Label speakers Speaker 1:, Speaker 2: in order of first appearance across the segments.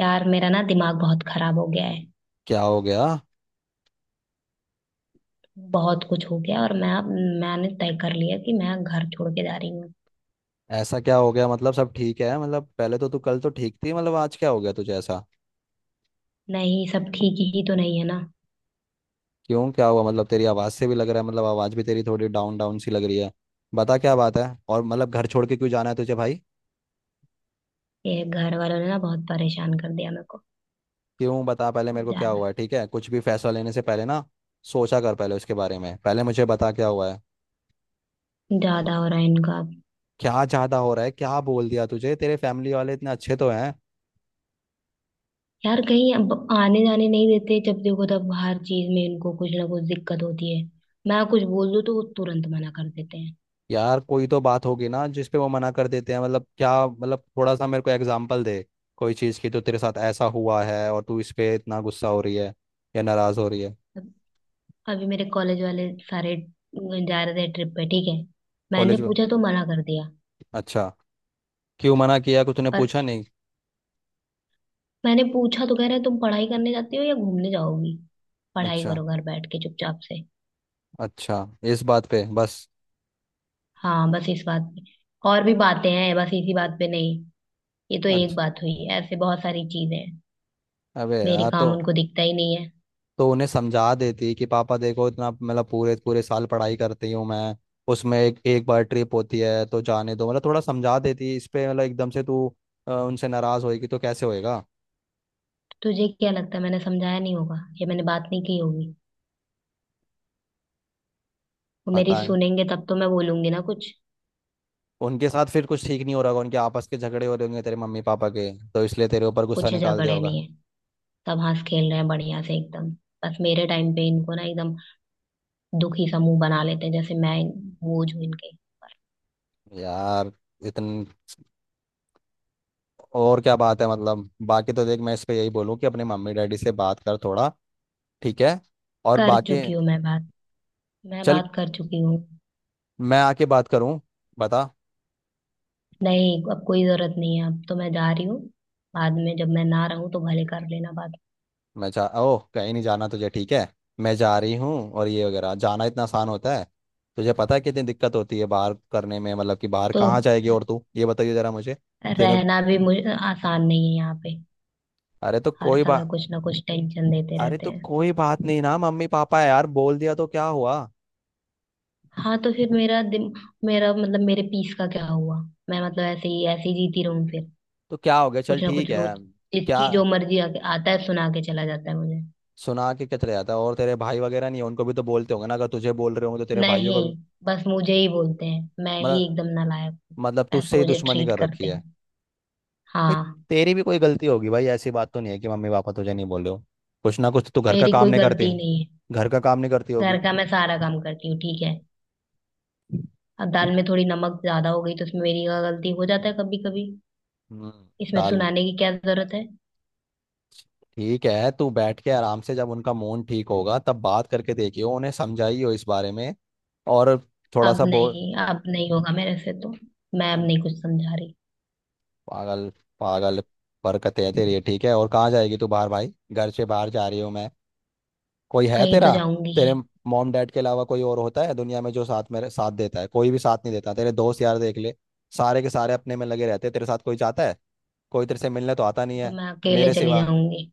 Speaker 1: यार मेरा ना दिमाग बहुत खराब हो गया है।
Speaker 2: क्या हो गया?
Speaker 1: बहुत कुछ हो गया और मैंने तय कर लिया कि मैं घर छोड़ के जा रही हूँ।
Speaker 2: ऐसा क्या हो गया? मतलब सब ठीक है? मतलब पहले तो तू कल तो ठीक थी। मतलब आज क्या हो गया तुझे ऐसा?
Speaker 1: नहीं, सब ठीक ही तो नहीं है ना।
Speaker 2: क्यों, क्या हुआ? मतलब तेरी आवाज से भी लग रहा है, मतलब आवाज भी तेरी थोड़ी डाउन डाउन सी लग रही है। बता क्या बात है? और मतलब घर छोड़ के क्यों जाना है तुझे भाई?
Speaker 1: ये घर वालों ने ना बहुत परेशान कर दिया मेरे को।
Speaker 2: क्यों, बता पहले मेरे
Speaker 1: अब
Speaker 2: को क्या हुआ
Speaker 1: ज्यादा
Speaker 2: है। ठीक है, कुछ भी फैसला लेने से पहले ना सोचा कर पहले उसके बारे में। पहले मुझे बता क्या हुआ है।
Speaker 1: ज्यादा हो रहा है इनका अब।
Speaker 2: क्या ज्यादा हो रहा है? क्या बोल दिया तुझे? तेरे फैमिली वाले इतने अच्छे तो हैं।
Speaker 1: यार कहीं अब आने जाने नहीं देते, जब देखो तब हर चीज में इनको कुछ ना कुछ दिक्कत होती है। मैं कुछ बोल दूँ तो वो तुरंत मना कर देते हैं।
Speaker 2: यार कोई तो बात होगी ना जिसपे वो मना कर देते हैं। मतलब क्या? मतलब थोड़ा सा मेरे को एग्जांपल दे। कोई चीज़ की तो तेरे साथ ऐसा हुआ है और तू इस पे इतना गुस्सा हो रही है या नाराज़ हो रही है?
Speaker 1: अब अभी मेरे कॉलेज वाले सारे जा रहे थे ट्रिप पे, ठीक है। मैंने
Speaker 2: कॉलेज में?
Speaker 1: पूछा तो मना कर दिया।
Speaker 2: अच्छा, क्यों मना किया? कुछ तूने पूछा
Speaker 1: और
Speaker 2: नहीं?
Speaker 1: मैंने पूछा तो कह रहे तुम पढ़ाई करने जाती हो या घूमने जाओगी। पढ़ाई
Speaker 2: अच्छा।
Speaker 1: करो घर बैठ के चुपचाप से।
Speaker 2: अच्छा। इस बात पे बस?
Speaker 1: हाँ, बस इस बात पे। और भी बातें हैं, बस इसी बात पे नहीं। ये तो एक
Speaker 2: अच्छा।
Speaker 1: बात हुई, ऐसे बहुत सारी चीजें हैं।
Speaker 2: अबे
Speaker 1: मेरे
Speaker 2: यार तो।
Speaker 1: काम उनको दिखता ही नहीं है।
Speaker 2: तो उन्हें समझा देती कि पापा देखो, इतना मतलब पूरे पूरे साल पढ़ाई करती हूँ मैं। उसमें एक एक बार ट्रिप होती है तो जाने दो, मतलब थोड़ा समझा देती इस पे। मतलब एकदम से तू उनसे नाराज़ होएगी तो कैसे होएगा?
Speaker 1: तो तुझे क्या लगता है मैंने समझाया नहीं होगा या मैंने बात नहीं की होगी। वो मेरी
Speaker 2: पता है,
Speaker 1: सुनेंगे तब तो मैं बोलूंगी ना कुछ।
Speaker 2: उनके साथ फिर कुछ ठीक नहीं हो रहा होगा, उनके आपस के झगड़े हो रहे होंगे तेरे मम्मी पापा के, तो इसलिए तेरे ऊपर गुस्सा
Speaker 1: कुछ
Speaker 2: निकाल दिया
Speaker 1: झगड़े
Speaker 2: होगा।
Speaker 1: नहीं है। सब हंस खेल रहे हैं बढ़िया से एकदम। बस मेरे टाइम पे इनको ना एकदम दुखी सा मुंह बना लेते हैं, जैसे मैं बोझ हूं इनके।
Speaker 2: यार इतन और क्या बात है? मतलब बाकी तो देख, मैं इस पे यही बोलूँ कि अपने मम्मी डैडी से बात कर थोड़ा, ठीक है? और
Speaker 1: कर
Speaker 2: बाकी।
Speaker 1: चुकी हूँ मैं बात। मैं
Speaker 2: चल,
Speaker 1: बात कर चुकी हूँ।
Speaker 2: मैं आके बात करूँ, बता।
Speaker 1: नहीं, अब कोई जरूरत नहीं है, अब तो मैं जा रही हूँ। बाद में जब मैं ना रहूँ तो भले कर लेना बात।
Speaker 2: मैं जा ओह, कहीं नहीं जाना तुझे, ठीक है? मैं जा रही हूँ और ये वगैरह, जाना इतना आसान होता है? तुझे पता है कितनी दिक्कत होती है बाहर करने में, मतलब कि बाहर
Speaker 1: तो
Speaker 2: कहाँ जाएगी? और तू ये बताइए जरा मुझे। तेने
Speaker 1: रहना भी मुझे आसान नहीं है यहाँ पे।
Speaker 2: अरे तो
Speaker 1: हर
Speaker 2: कोई
Speaker 1: समय
Speaker 2: बात
Speaker 1: कुछ ना कुछ टेंशन देते
Speaker 2: अरे
Speaker 1: रहते
Speaker 2: तो
Speaker 1: हैं।
Speaker 2: कोई बात नहीं ना, मम्मी पापा है यार, बोल दिया तो क्या हुआ?
Speaker 1: हाँ तो फिर मेरा मतलब मेरे पीस का क्या हुआ। मैं मतलब ऐसे ही जीती रहूँ फिर।
Speaker 2: तो क्या हो गया, चल
Speaker 1: कुछ ना
Speaker 2: ठीक
Speaker 1: कुछ
Speaker 2: है।
Speaker 1: रोज,
Speaker 2: क्या?
Speaker 1: जिसकी जो मर्जी आके आता है सुना के चला जाता है मुझे।
Speaker 2: सुना के क्या चले जाता है? और तेरे भाई वगैरह नहीं है, उनको भी तो बोलते होंगे ना, अगर तुझे बोल रहे होंगे तो तेरे भाइयों
Speaker 1: नहीं,
Speaker 2: को भी।
Speaker 1: बस मुझे ही बोलते हैं, मैं ही
Speaker 2: मतलब
Speaker 1: एकदम नालायक हूँ।
Speaker 2: मतलब
Speaker 1: ऐसा
Speaker 2: तुझसे ही
Speaker 1: मुझे
Speaker 2: दुश्मनी
Speaker 1: ट्रीट
Speaker 2: कर रखी
Speaker 1: करते हैं।
Speaker 2: है? भाई
Speaker 1: हाँ।
Speaker 2: तेरी भी कोई गलती होगी भाई, ऐसी बात तो नहीं है कि मम्मी पापा तुझे नहीं बोल रहे हो, कुछ ना कुछ तो। तू घर का
Speaker 1: मेरी
Speaker 2: काम
Speaker 1: कोई
Speaker 2: नहीं करते,
Speaker 1: गलती नहीं है।
Speaker 2: घर का काम नहीं करती होगी।
Speaker 1: घर का मैं सारा काम करती हूँ, ठीक है। अब दाल में थोड़ी नमक ज्यादा हो गई तो उसमें मेरी गलती हो जाता है कभी कभी।
Speaker 2: हम्म।
Speaker 1: इसमें
Speaker 2: दाल।
Speaker 1: सुनाने की क्या जरूरत है।
Speaker 2: ठीक है, तू बैठ के आराम से, जब उनका मूड ठीक होगा तब बात करके देखियो, उन्हें समझाइयो इस बारे में। और थोड़ा
Speaker 1: अब
Speaker 2: सा बोल।
Speaker 1: नहीं, अब नहीं होगा मेरे से तो। मैं अब नहीं कुछ समझा रही।
Speaker 2: पागल! पागल! बरकत है तेरी, ठीक है? और कहाँ जाएगी तू बाहर भाई, घर से बाहर जा रही हूँ मैं, कोई है
Speaker 1: कहीं तो
Speaker 2: तेरा?
Speaker 1: जाऊंगी
Speaker 2: तेरे
Speaker 1: ही।
Speaker 2: मॉम डैड के अलावा कोई और होता है दुनिया में जो साथ, मेरे साथ देता है? कोई भी साथ नहीं देता। तेरे दोस्त यार देख ले, सारे के सारे अपने में लगे रहते हैं, तेरे साथ कोई जाता है? कोई तेरे से मिलने तो आता नहीं
Speaker 1: तो
Speaker 2: है।
Speaker 1: मैं अकेले
Speaker 2: मेरे
Speaker 1: चली
Speaker 2: सिवा।
Speaker 1: जाऊंगी।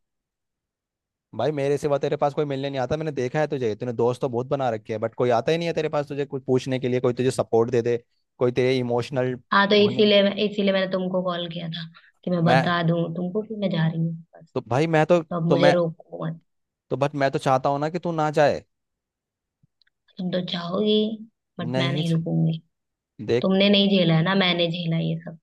Speaker 2: भाई मेरे सिवा तेरे पास कोई मिलने नहीं आता, मैंने देखा है तुझे, तूने दोस्त तो बहुत बना रखे हैं बट कोई आता ही नहीं है तेरे पास तुझे कुछ पूछने के लिए, कोई तुझे सपोर्ट दे दे, कोई तेरे इमोशनल
Speaker 1: हाँ, तो
Speaker 2: होने।
Speaker 1: इसीलिए इसीलिए मैंने तुमको कॉल किया था कि मैं
Speaker 2: मैं
Speaker 1: बता दूं तुमको कि मैं जा रही हूँ बस।
Speaker 2: तो भाई मैं
Speaker 1: तो अब
Speaker 2: तो
Speaker 1: मुझे
Speaker 2: मैं
Speaker 1: रोको मत।
Speaker 2: तो बट मैं तो चाहता हूँ ना कि तू ना जाए।
Speaker 1: तुम तो चाहोगी, बट मैं
Speaker 2: नहीं
Speaker 1: नहीं रुकूंगी।
Speaker 2: देख,
Speaker 1: तुमने नहीं झेला है ना, मैंने झेला ये सब।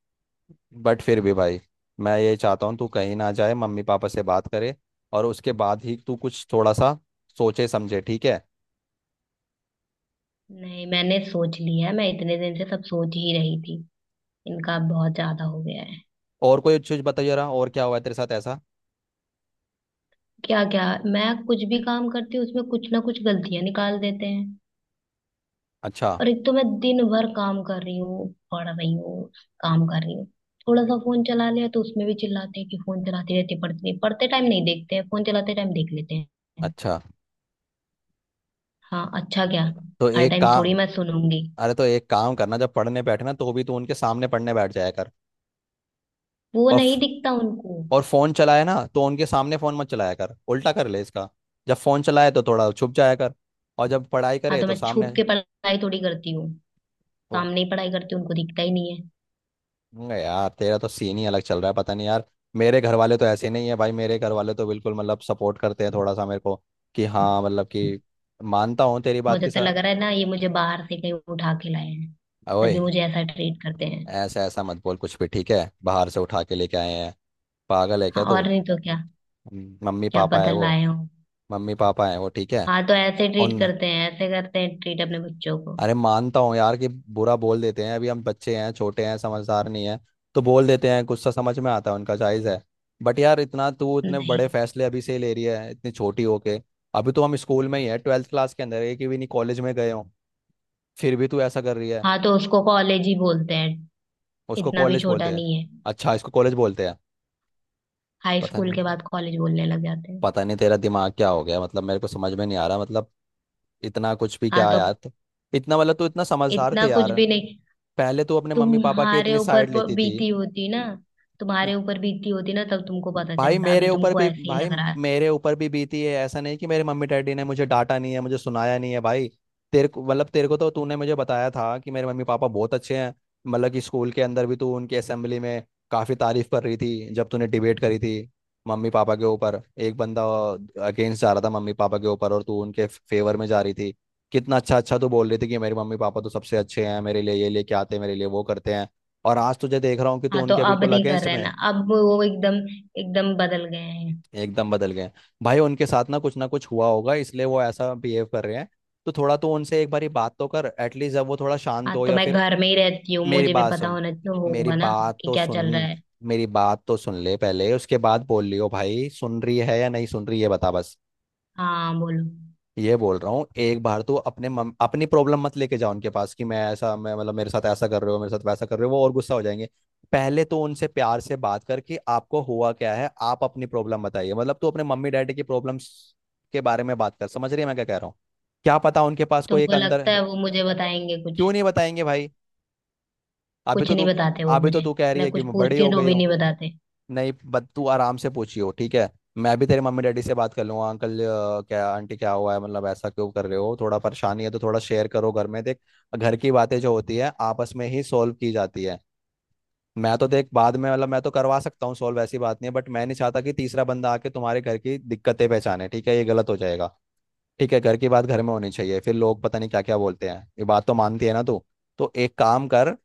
Speaker 2: बट फिर भी भाई, मैं ये चाहता हूँ तू कहीं ना जाए, मम्मी पापा से बात करे, और उसके बाद ही तू कुछ थोड़ा सा सोचे समझे, ठीक है?
Speaker 1: नहीं, मैंने सोच लिया है, मैं इतने दिन से सब सोच ही रही थी। इनका बहुत ज्यादा हो गया है।
Speaker 2: और कोई चीज बता जरा, और क्या हुआ है तेरे साथ ऐसा?
Speaker 1: क्या क्या। मैं कुछ भी काम करती हूँ उसमें कुछ ना कुछ गलतियां निकाल देते हैं।
Speaker 2: अच्छा।
Speaker 1: और एक तो मैं दिन भर काम कर रही हूँ, पढ़ रही हूँ, काम कर रही हूँ। थोड़ा सा फोन चला लिया तो उसमें भी चिल्लाते हैं कि फोन चलाते रहते हैं, पढ़ते नहीं, पढ़ते टाइम नहीं देखते हैं, फोन चलाते टाइम देख लेते हैं।
Speaker 2: अच्छा।
Speaker 1: हाँ अच्छा क्या।
Speaker 2: तो
Speaker 1: हर
Speaker 2: एक
Speaker 1: टाइम
Speaker 2: काम
Speaker 1: थोड़ी मैं सुनूंगी।
Speaker 2: अरे तो एक काम करना, जब पढ़ने बैठे ना तो भी तू उनके सामने पढ़ने बैठ जाया कर।
Speaker 1: वो
Speaker 2: और
Speaker 1: नहीं दिखता उनको।
Speaker 2: और फोन चलाए ना तो उनके सामने फोन मत चलाया कर, उल्टा कर ले इसका। जब फोन चलाए तो थोड़ा छुप जाया कर और जब पढ़ाई
Speaker 1: हाँ
Speaker 2: करे
Speaker 1: तो
Speaker 2: तो
Speaker 1: मैं छुप
Speaker 2: सामने।
Speaker 1: के पढ़ाई थोड़ी करती हूँ। सामने ही पढ़ाई करती हूँ, उनको दिखता ही नहीं है।
Speaker 2: मैं यार, तेरा तो सीन ही अलग चल रहा है, पता नहीं यार। मेरे घर वाले तो ऐसे नहीं है भाई, मेरे घर वाले तो बिल्कुल मतलब सपोर्ट करते हैं थोड़ा सा मेरे को, कि हाँ मतलब कि मानता हूँ तेरी बात
Speaker 1: मुझे
Speaker 2: की
Speaker 1: तो
Speaker 2: सा।
Speaker 1: लग रहा है ना ये मुझे बाहर से कहीं उठा के लाए हैं।
Speaker 2: ओए!
Speaker 1: तभी मुझे ऐसा ट्रीट करते हैं।
Speaker 2: ऐसा ऐसा मत बोल कुछ भी, ठीक है? बाहर से उठा के लेके आए हैं? पागल है क्या
Speaker 1: हाँ,
Speaker 2: तू?
Speaker 1: और नहीं तो क्या।
Speaker 2: मम्मी
Speaker 1: क्या
Speaker 2: पापा है
Speaker 1: पता
Speaker 2: वो।
Speaker 1: लाए हो।
Speaker 2: मम्मी पापा है वो, ठीक है।
Speaker 1: हाँ तो ऐसे ट्रीट
Speaker 2: उन
Speaker 1: करते हैं, ऐसे करते हैं ट्रीट अपने बच्चों को।
Speaker 2: अरे मानता हूँ यार कि बुरा बोल देते हैं, अभी हम बच्चे हैं, छोटे हैं, समझदार नहीं है, तो बोल देते हैं, गुस्सा समझ में आता है उनका, जायज़ है। बट यार इतना तू, इतने बड़े
Speaker 1: नहीं।
Speaker 2: फैसले अभी से ही ले रही है इतनी छोटी होके? अभी तो हम स्कूल में ही है, ट्वेल्थ क्लास के अंदर, एक भी नहीं कॉलेज में गए हो, फिर भी तू ऐसा कर रही है।
Speaker 1: हाँ, तो उसको कॉलेज ही बोलते हैं।
Speaker 2: उसको
Speaker 1: इतना भी
Speaker 2: कॉलेज
Speaker 1: छोटा
Speaker 2: बोलते हैं?
Speaker 1: नहीं है।
Speaker 2: अच्छा, इसको कॉलेज बोलते हैं?
Speaker 1: हाई
Speaker 2: पता
Speaker 1: स्कूल
Speaker 2: नहीं,
Speaker 1: के बाद कॉलेज बोलने लग जाते हैं।
Speaker 2: पता नहीं तेरा दिमाग क्या हो गया मतलब, मेरे को समझ में नहीं आ रहा मतलब। इतना कुछ भी
Speaker 1: हाँ
Speaker 2: क्या
Speaker 1: तो
Speaker 2: यार
Speaker 1: अब।
Speaker 2: तो, इतना मतलब तू इतना समझदार
Speaker 1: इतना
Speaker 2: थे
Speaker 1: कुछ
Speaker 2: यार।
Speaker 1: भी नहीं।
Speaker 2: पहले तू अपने मम्मी पापा के
Speaker 1: तुम्हारे
Speaker 2: इतनी
Speaker 1: ऊपर
Speaker 2: साइड लेती थी।
Speaker 1: बीती होती ना। तुम्हारे ऊपर बीती होती ना तब तुमको पता चलता, अभी तुमको ऐसे ही
Speaker 2: भाई
Speaker 1: लग रहा है।
Speaker 2: मेरे ऊपर भी बीती है, ऐसा नहीं कि मेरे मम्मी डैडी ने मुझे डांटा नहीं है, मुझे सुनाया नहीं है भाई। तेरे को तो तूने मुझे बताया था कि मेरे मम्मी पापा बहुत अच्छे हैं, मतलब कि स्कूल के अंदर भी तू उनकी असेंबली में काफ़ी तारीफ कर रही थी जब तूने डिबेट करी थी मम्मी पापा के ऊपर। एक बंदा अगेंस्ट जा रहा था मम्मी पापा के ऊपर और तू उनके फेवर में जा रही थी। कितना अच्छा अच्छा तू बोल रही थी कि मेरे मम्मी पापा तो सबसे अच्छे हैं, मेरे लिए ये लेके आते हैं, मेरे लिए वो करते हैं। और आज तुझे देख रहा हूँ कि तू
Speaker 1: हाँ तो
Speaker 2: उनके
Speaker 1: अब
Speaker 2: बिल्कुल
Speaker 1: नहीं कर
Speaker 2: अगेंस्ट
Speaker 1: रहे
Speaker 2: में
Speaker 1: ना,
Speaker 2: है।
Speaker 1: अब वो एकदम एकदम बदल गए हैं।
Speaker 2: एकदम बदल गए हैं। भाई, उनके साथ ना कुछ हुआ होगा, इसलिए वो ऐसा बिहेव कर रहे हैं। तो थोड़ा तो उनसे एक बारी बात तो कर एटलीस्ट, जब वो थोड़ा शांत
Speaker 1: हाँ
Speaker 2: हो
Speaker 1: तो
Speaker 2: या
Speaker 1: मैं
Speaker 2: फिर।
Speaker 1: घर में ही रहती हूँ,
Speaker 2: मेरी
Speaker 1: मुझे भी
Speaker 2: बात
Speaker 1: पता
Speaker 2: सुन,
Speaker 1: होना तो
Speaker 2: मेरी
Speaker 1: होगा ना
Speaker 2: बात
Speaker 1: कि
Speaker 2: तो
Speaker 1: क्या चल रहा
Speaker 2: सुन,
Speaker 1: है।
Speaker 2: मेरी बात तो सुन ले पहले, उसके बाद बोल लियो भाई। सुन रही है या नहीं सुन रही है? बता बस।
Speaker 1: हाँ, बोलो।
Speaker 2: ये बोल रहा हूँ, एक बार तो अपने अपनी प्रॉब्लम मत लेके जाओ उनके पास कि मैं ऐसा, मैं मतलब मेरे साथ ऐसा कर रहे हो, मेरे साथ वैसा कर रहे हो, वो और गुस्सा हो जाएंगे। पहले तो उनसे प्यार से बात करके, आपको हुआ क्या है, आप अपनी प्रॉब्लम बताइए, मतलब तू अपने मम्मी डैडी की प्रॉब्लम्स के बारे में बात कर, समझ रही है मैं क्या कह रहा हूँ? क्या पता उनके पास कोई एक
Speaker 1: तुमको
Speaker 2: अंदर।
Speaker 1: लगता है वो मुझे बताएंगे कुछ।
Speaker 2: क्यों नहीं बताएंगे भाई? अभी
Speaker 1: कुछ
Speaker 2: तो
Speaker 1: नहीं
Speaker 2: तू
Speaker 1: बताते वो
Speaker 2: अभी तो
Speaker 1: मुझे।
Speaker 2: तू कह रही
Speaker 1: मैं
Speaker 2: है कि
Speaker 1: कुछ
Speaker 2: मैं बड़ी
Speaker 1: पूछती
Speaker 2: हो
Speaker 1: हूँ तो
Speaker 2: गई
Speaker 1: भी
Speaker 2: हूँ।
Speaker 1: नहीं बताते।
Speaker 2: नहीं, बट तू आराम से पूछियो, ठीक है? मैं भी तेरे मम्मी डैडी से बात कर लूंगा, अंकल क्या आंटी, क्या हुआ है, मतलब ऐसा क्यों कर रहे हो, थोड़ा परेशानी है तो थोड़ा शेयर करो घर में, देख। घर की बातें जो होती है, आपस में ही सॉल्व की जाती है। मैं तो देख बाद में, मतलब मैं तो करवा सकता हूँ सॉल्व, ऐसी बात नहीं है, बट मैं नहीं चाहता कि तीसरा बंदा आके तुम्हारे घर की दिक्कतें पहचाने, ठीक है, ये गलत हो जाएगा। ठीक है, घर की बात घर में होनी चाहिए, फिर लोग पता नहीं क्या क्या बोलते हैं। ये बात तो मानती है ना तू? तो एक काम कर,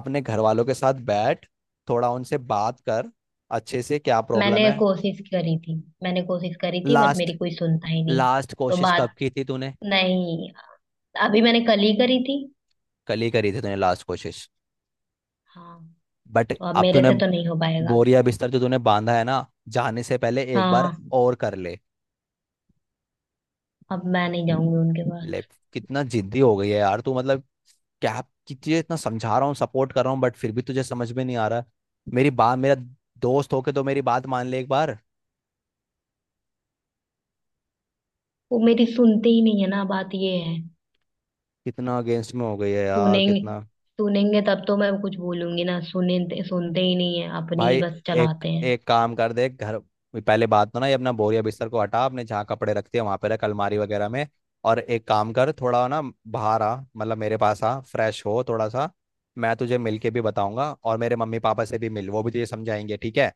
Speaker 2: अपने घर वालों के साथ बैठ, थोड़ा उनसे बात कर अच्छे से, क्या
Speaker 1: मैंने
Speaker 2: प्रॉब्लम है।
Speaker 1: कोशिश करी थी। मैंने कोशिश करी थी बट
Speaker 2: लास्ट,
Speaker 1: मेरी कोई सुनता ही नहीं।
Speaker 2: लास्ट
Speaker 1: तो
Speaker 2: कोशिश कब
Speaker 1: बात
Speaker 2: की थी तूने?
Speaker 1: नहीं, अभी मैंने कल ही करी थी।
Speaker 2: कल ही करी थी तूने लास्ट कोशिश?
Speaker 1: हाँ,
Speaker 2: बट
Speaker 1: तो अब
Speaker 2: अब
Speaker 1: मेरे
Speaker 2: तूने
Speaker 1: से तो नहीं हो पाएगा।
Speaker 2: बोरिया बिस्तर जो तूने बांधा है ना, जाने से पहले एक बार
Speaker 1: हाँ,
Speaker 2: और कर ले।
Speaker 1: अब मैं नहीं जाऊंगी उनके
Speaker 2: ले!
Speaker 1: पास।
Speaker 2: कितना जिद्दी हो गई है यार तू, मतलब क्या, कि तुझे इतना समझा रहा हूँ, सपोर्ट कर रहा हूँ बट फिर भी तुझे समझ में नहीं आ रहा मेरी बात। मेरा दोस्त होके तो मेरी बात मान ले एक बार।
Speaker 1: वो मेरी सुनते ही नहीं है ना, बात ये है।
Speaker 2: कितना अगेंस्ट में हो गई है यार,
Speaker 1: सुनेंगे
Speaker 2: कितना!
Speaker 1: सुनेंगे तब तो मैं कुछ बोलूंगी ना, सुने। सुनते ही नहीं है, अपनी ही
Speaker 2: भाई
Speaker 1: बस
Speaker 2: एक
Speaker 1: चलाते हैं।
Speaker 2: एक काम कर दे घर। पहले बात तो ना ये, अपना बोरिया बिस्तर को हटा, अपने जहाँ कपड़े रखते हैं वहां पे रख, अलमारी वगैरह में। और एक काम कर थोड़ा ना, बाहर आ, मतलब मेरे पास आ, फ्रेश हो थोड़ा सा। मैं तुझे मिल के भी बताऊंगा और मेरे मम्मी पापा से भी मिल, वो भी तुझे समझाएंगे, ठीक है?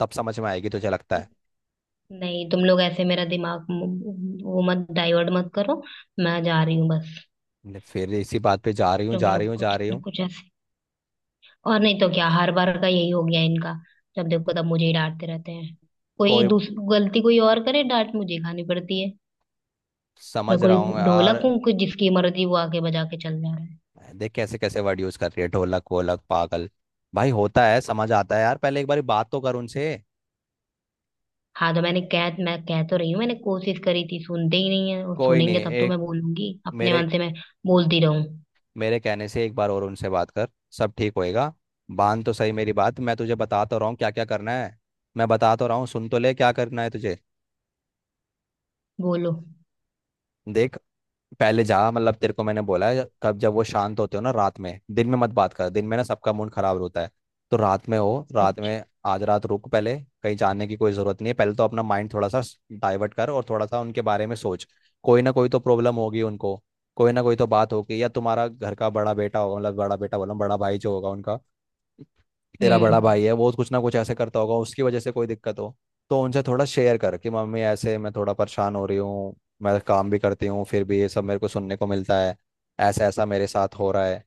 Speaker 2: तब समझ में आएगी तुझे लगता है?
Speaker 1: नहीं, तुम लोग ऐसे मेरा दिमाग म- वो मत डाइवर्ट मत करो। मैं जा रही हूँ बस।
Speaker 2: मैंने फिर इसी बात पे, जा रही हूँ,
Speaker 1: तुम
Speaker 2: जा रही
Speaker 1: लोग
Speaker 2: हूँ, जा
Speaker 1: कुछ
Speaker 2: रही
Speaker 1: न
Speaker 2: हूँ!
Speaker 1: कुछ ऐसे। और नहीं तो क्या, हर बार का यही हो गया इनका। जब देखो तब मुझे ही डांटते रहते हैं। कोई
Speaker 2: कोई
Speaker 1: दूस गलती कोई और करे, डांट मुझे खानी पड़ती है। मैं
Speaker 2: समझ रहा
Speaker 1: कोई
Speaker 2: हूँ
Speaker 1: ढोलक
Speaker 2: यार,
Speaker 1: हूँ कि जिसकी मर्जी वो आके बजा के चल जा रहा है।
Speaker 2: देख कैसे कैसे वर्ड यूज कर रही है, ढोलक वोलक पागल! भाई होता है, समझ आता है यार, पहले एक बार बात तो कर उनसे।
Speaker 1: हाँ तो मैं कह तो रही हूँ, मैंने कोशिश करी थी, सुनते ही नहीं है, और
Speaker 2: कोई नहीं।
Speaker 1: सुनेंगे तब तो
Speaker 2: एक
Speaker 1: मैं बोलूंगी अपने
Speaker 2: मेरे
Speaker 1: मन से, मैं बोलती रहूं।
Speaker 2: मेरे कहने से एक बार और उनसे बात कर, सब ठीक होएगा। बांध तो सही मेरी बात, मैं तुझे बता तो रहा हूँ क्या क्या करना है, मैं बता तो रहा हूँ, सुन तो ले क्या करना है तुझे।
Speaker 1: बोलो।
Speaker 2: देख, पहले जा, मतलब तेरे को मैंने बोला है कब, जब वो शांत होते हो ना रात में, दिन में मत बात कर, दिन में ना सबका मूड खराब होता है, तो रात में हो, रात
Speaker 1: अच्छा।
Speaker 2: में, आज रात रुक पहले। कहीं जाने की कोई जरूरत नहीं है, पहले तो अपना माइंड थोड़ा सा डाइवर्ट कर और थोड़ा सा उनके बारे में सोच। कोई ना कोई तो प्रॉब्लम होगी उनको, कोई ना कोई तो बात होगी। या तुम्हारा घर का बड़ा बेटा होगा, मतलब बड़ा बेटा बोला, बड़ा भाई जो होगा उनका, तेरा बड़ा
Speaker 1: हम्म।
Speaker 2: भाई है, वो कुछ ना कुछ ऐसे करता होगा, उसकी वजह से कोई दिक्कत हो। तो उनसे थोड़ा शेयर कर कि मम्मी, ऐसे मैं थोड़ा परेशान हो रही हूँ, मैं काम भी करती हूँ फिर भी ये सब मेरे को सुनने को मिलता है, ऐसा ऐसा मेरे साथ हो रहा है,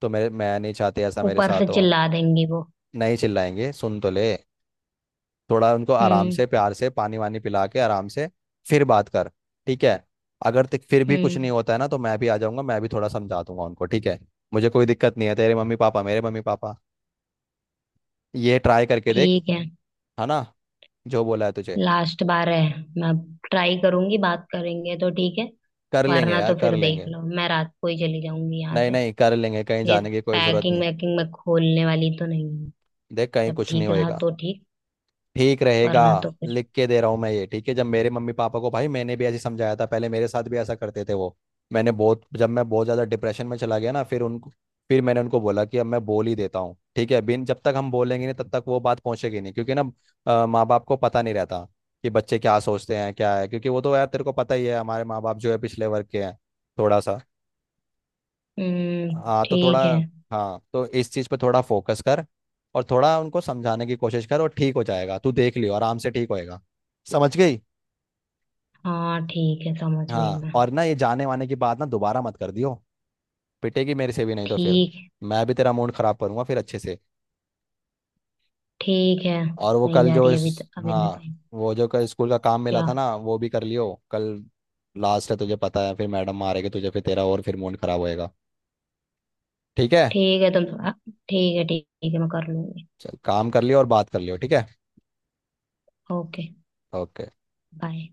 Speaker 2: तो मेरे मैं नहीं चाहती ऐसा मेरे
Speaker 1: ऊपर से
Speaker 2: साथ हो।
Speaker 1: चिल्ला देंगी वो।
Speaker 2: नहीं चिल्लाएंगे, सुन तो ले। थोड़ा उनको आराम
Speaker 1: हम्म।
Speaker 2: से, प्यार से पानी वानी पिला के, आराम से फिर बात कर, ठीक है? अगर तक फिर भी कुछ
Speaker 1: हम्म।
Speaker 2: नहीं होता है ना, तो मैं भी आ जाऊंगा, मैं भी थोड़ा समझा दूंगा उनको, ठीक है? मुझे कोई दिक्कत नहीं है, तेरे मम्मी पापा मेरे मम्मी पापा। ये ट्राई करके देख,
Speaker 1: ठीक है।
Speaker 2: है ना, जो बोला है तुझे।
Speaker 1: लास्ट बार है। मैं ट्राई करूंगी, बात करेंगे तो ठीक है।
Speaker 2: कर लेंगे
Speaker 1: वरना
Speaker 2: यार,
Speaker 1: तो
Speaker 2: कर
Speaker 1: फिर देख
Speaker 2: लेंगे।
Speaker 1: लो, मैं रात को ही चली जाऊंगी यहाँ
Speaker 2: नहीं,
Speaker 1: से।
Speaker 2: नहीं, कर लेंगे, कहीं
Speaker 1: ये
Speaker 2: जाने की कोई जरूरत
Speaker 1: पैकिंग
Speaker 2: नहीं।
Speaker 1: वैकिंग मैं खोलने वाली तो नहीं हूँ।
Speaker 2: देख, कहीं
Speaker 1: सब
Speaker 2: कुछ नहीं
Speaker 1: ठीक रहा
Speaker 2: होएगा,
Speaker 1: तो ठीक।
Speaker 2: ठीक रहेगा।
Speaker 1: वरना तो फिर।
Speaker 2: लिख के दे रहा हूँ मैं ये, ठीक है? जब मेरे मम्मी पापा को, भाई मैंने भी ऐसे समझाया था पहले, मेरे साथ भी ऐसा करते थे वो। मैंने बहुत जब मैं बहुत ज़्यादा डिप्रेशन में चला गया ना, फिर उनको, फिर मैंने उनको बोला कि अब मैं बोल ही देता हूँ, ठीक है। बिन जब तक हम बोलेंगे नहीं तब तक वो बात पहुंचेगी नहीं, क्योंकि ना माँ बाप को पता नहीं रहता कि बच्चे क्या सोचते हैं क्या है, क्योंकि वो तो यार तेरे को पता ही है, हमारे माँ बाप जो है पिछले वर्ग के हैं थोड़ा सा।
Speaker 1: हम्म।
Speaker 2: हाँ तो थोड़ा
Speaker 1: ठीक है।
Speaker 2: हाँ तो इस चीज़ पे थोड़ा फोकस कर, और थोड़ा उनको समझाने की कोशिश कर, और ठीक हो जाएगा तू, देख लियो, आराम से ठीक होएगा। समझ गई?
Speaker 1: हाँ ठीक है, समझ गई
Speaker 2: हाँ,
Speaker 1: मैं।
Speaker 2: और ना ये जाने वाने की बात ना दोबारा मत कर दियो, पिटेगी मेरे से भी, नहीं तो फिर
Speaker 1: ठीक है।
Speaker 2: मैं भी तेरा मूड खराब करूंगा फिर अच्छे से।
Speaker 1: ठीक है,
Speaker 2: और वो
Speaker 1: नहीं
Speaker 2: कल
Speaker 1: जा
Speaker 2: जो
Speaker 1: रही
Speaker 2: इस
Speaker 1: अभी, तो अभी मैं
Speaker 2: हाँ,
Speaker 1: कहीं।
Speaker 2: वो जो कल स्कूल का काम मिला
Speaker 1: क्या।
Speaker 2: था ना, वो भी कर लियो कल। लास्ट है तुझे पता है, फिर मैडम मारेगी तुझे, फिर तेरा और फिर मूड खराब होएगा, ठीक है?
Speaker 1: ठीक है, तुम थोड़ा। ठीक है, ठीक है, मैं कर लूंगी।
Speaker 2: चल काम कर लियो और बात कर लियो, ठीक है?
Speaker 1: ओके।
Speaker 2: ओके।
Speaker 1: बाय।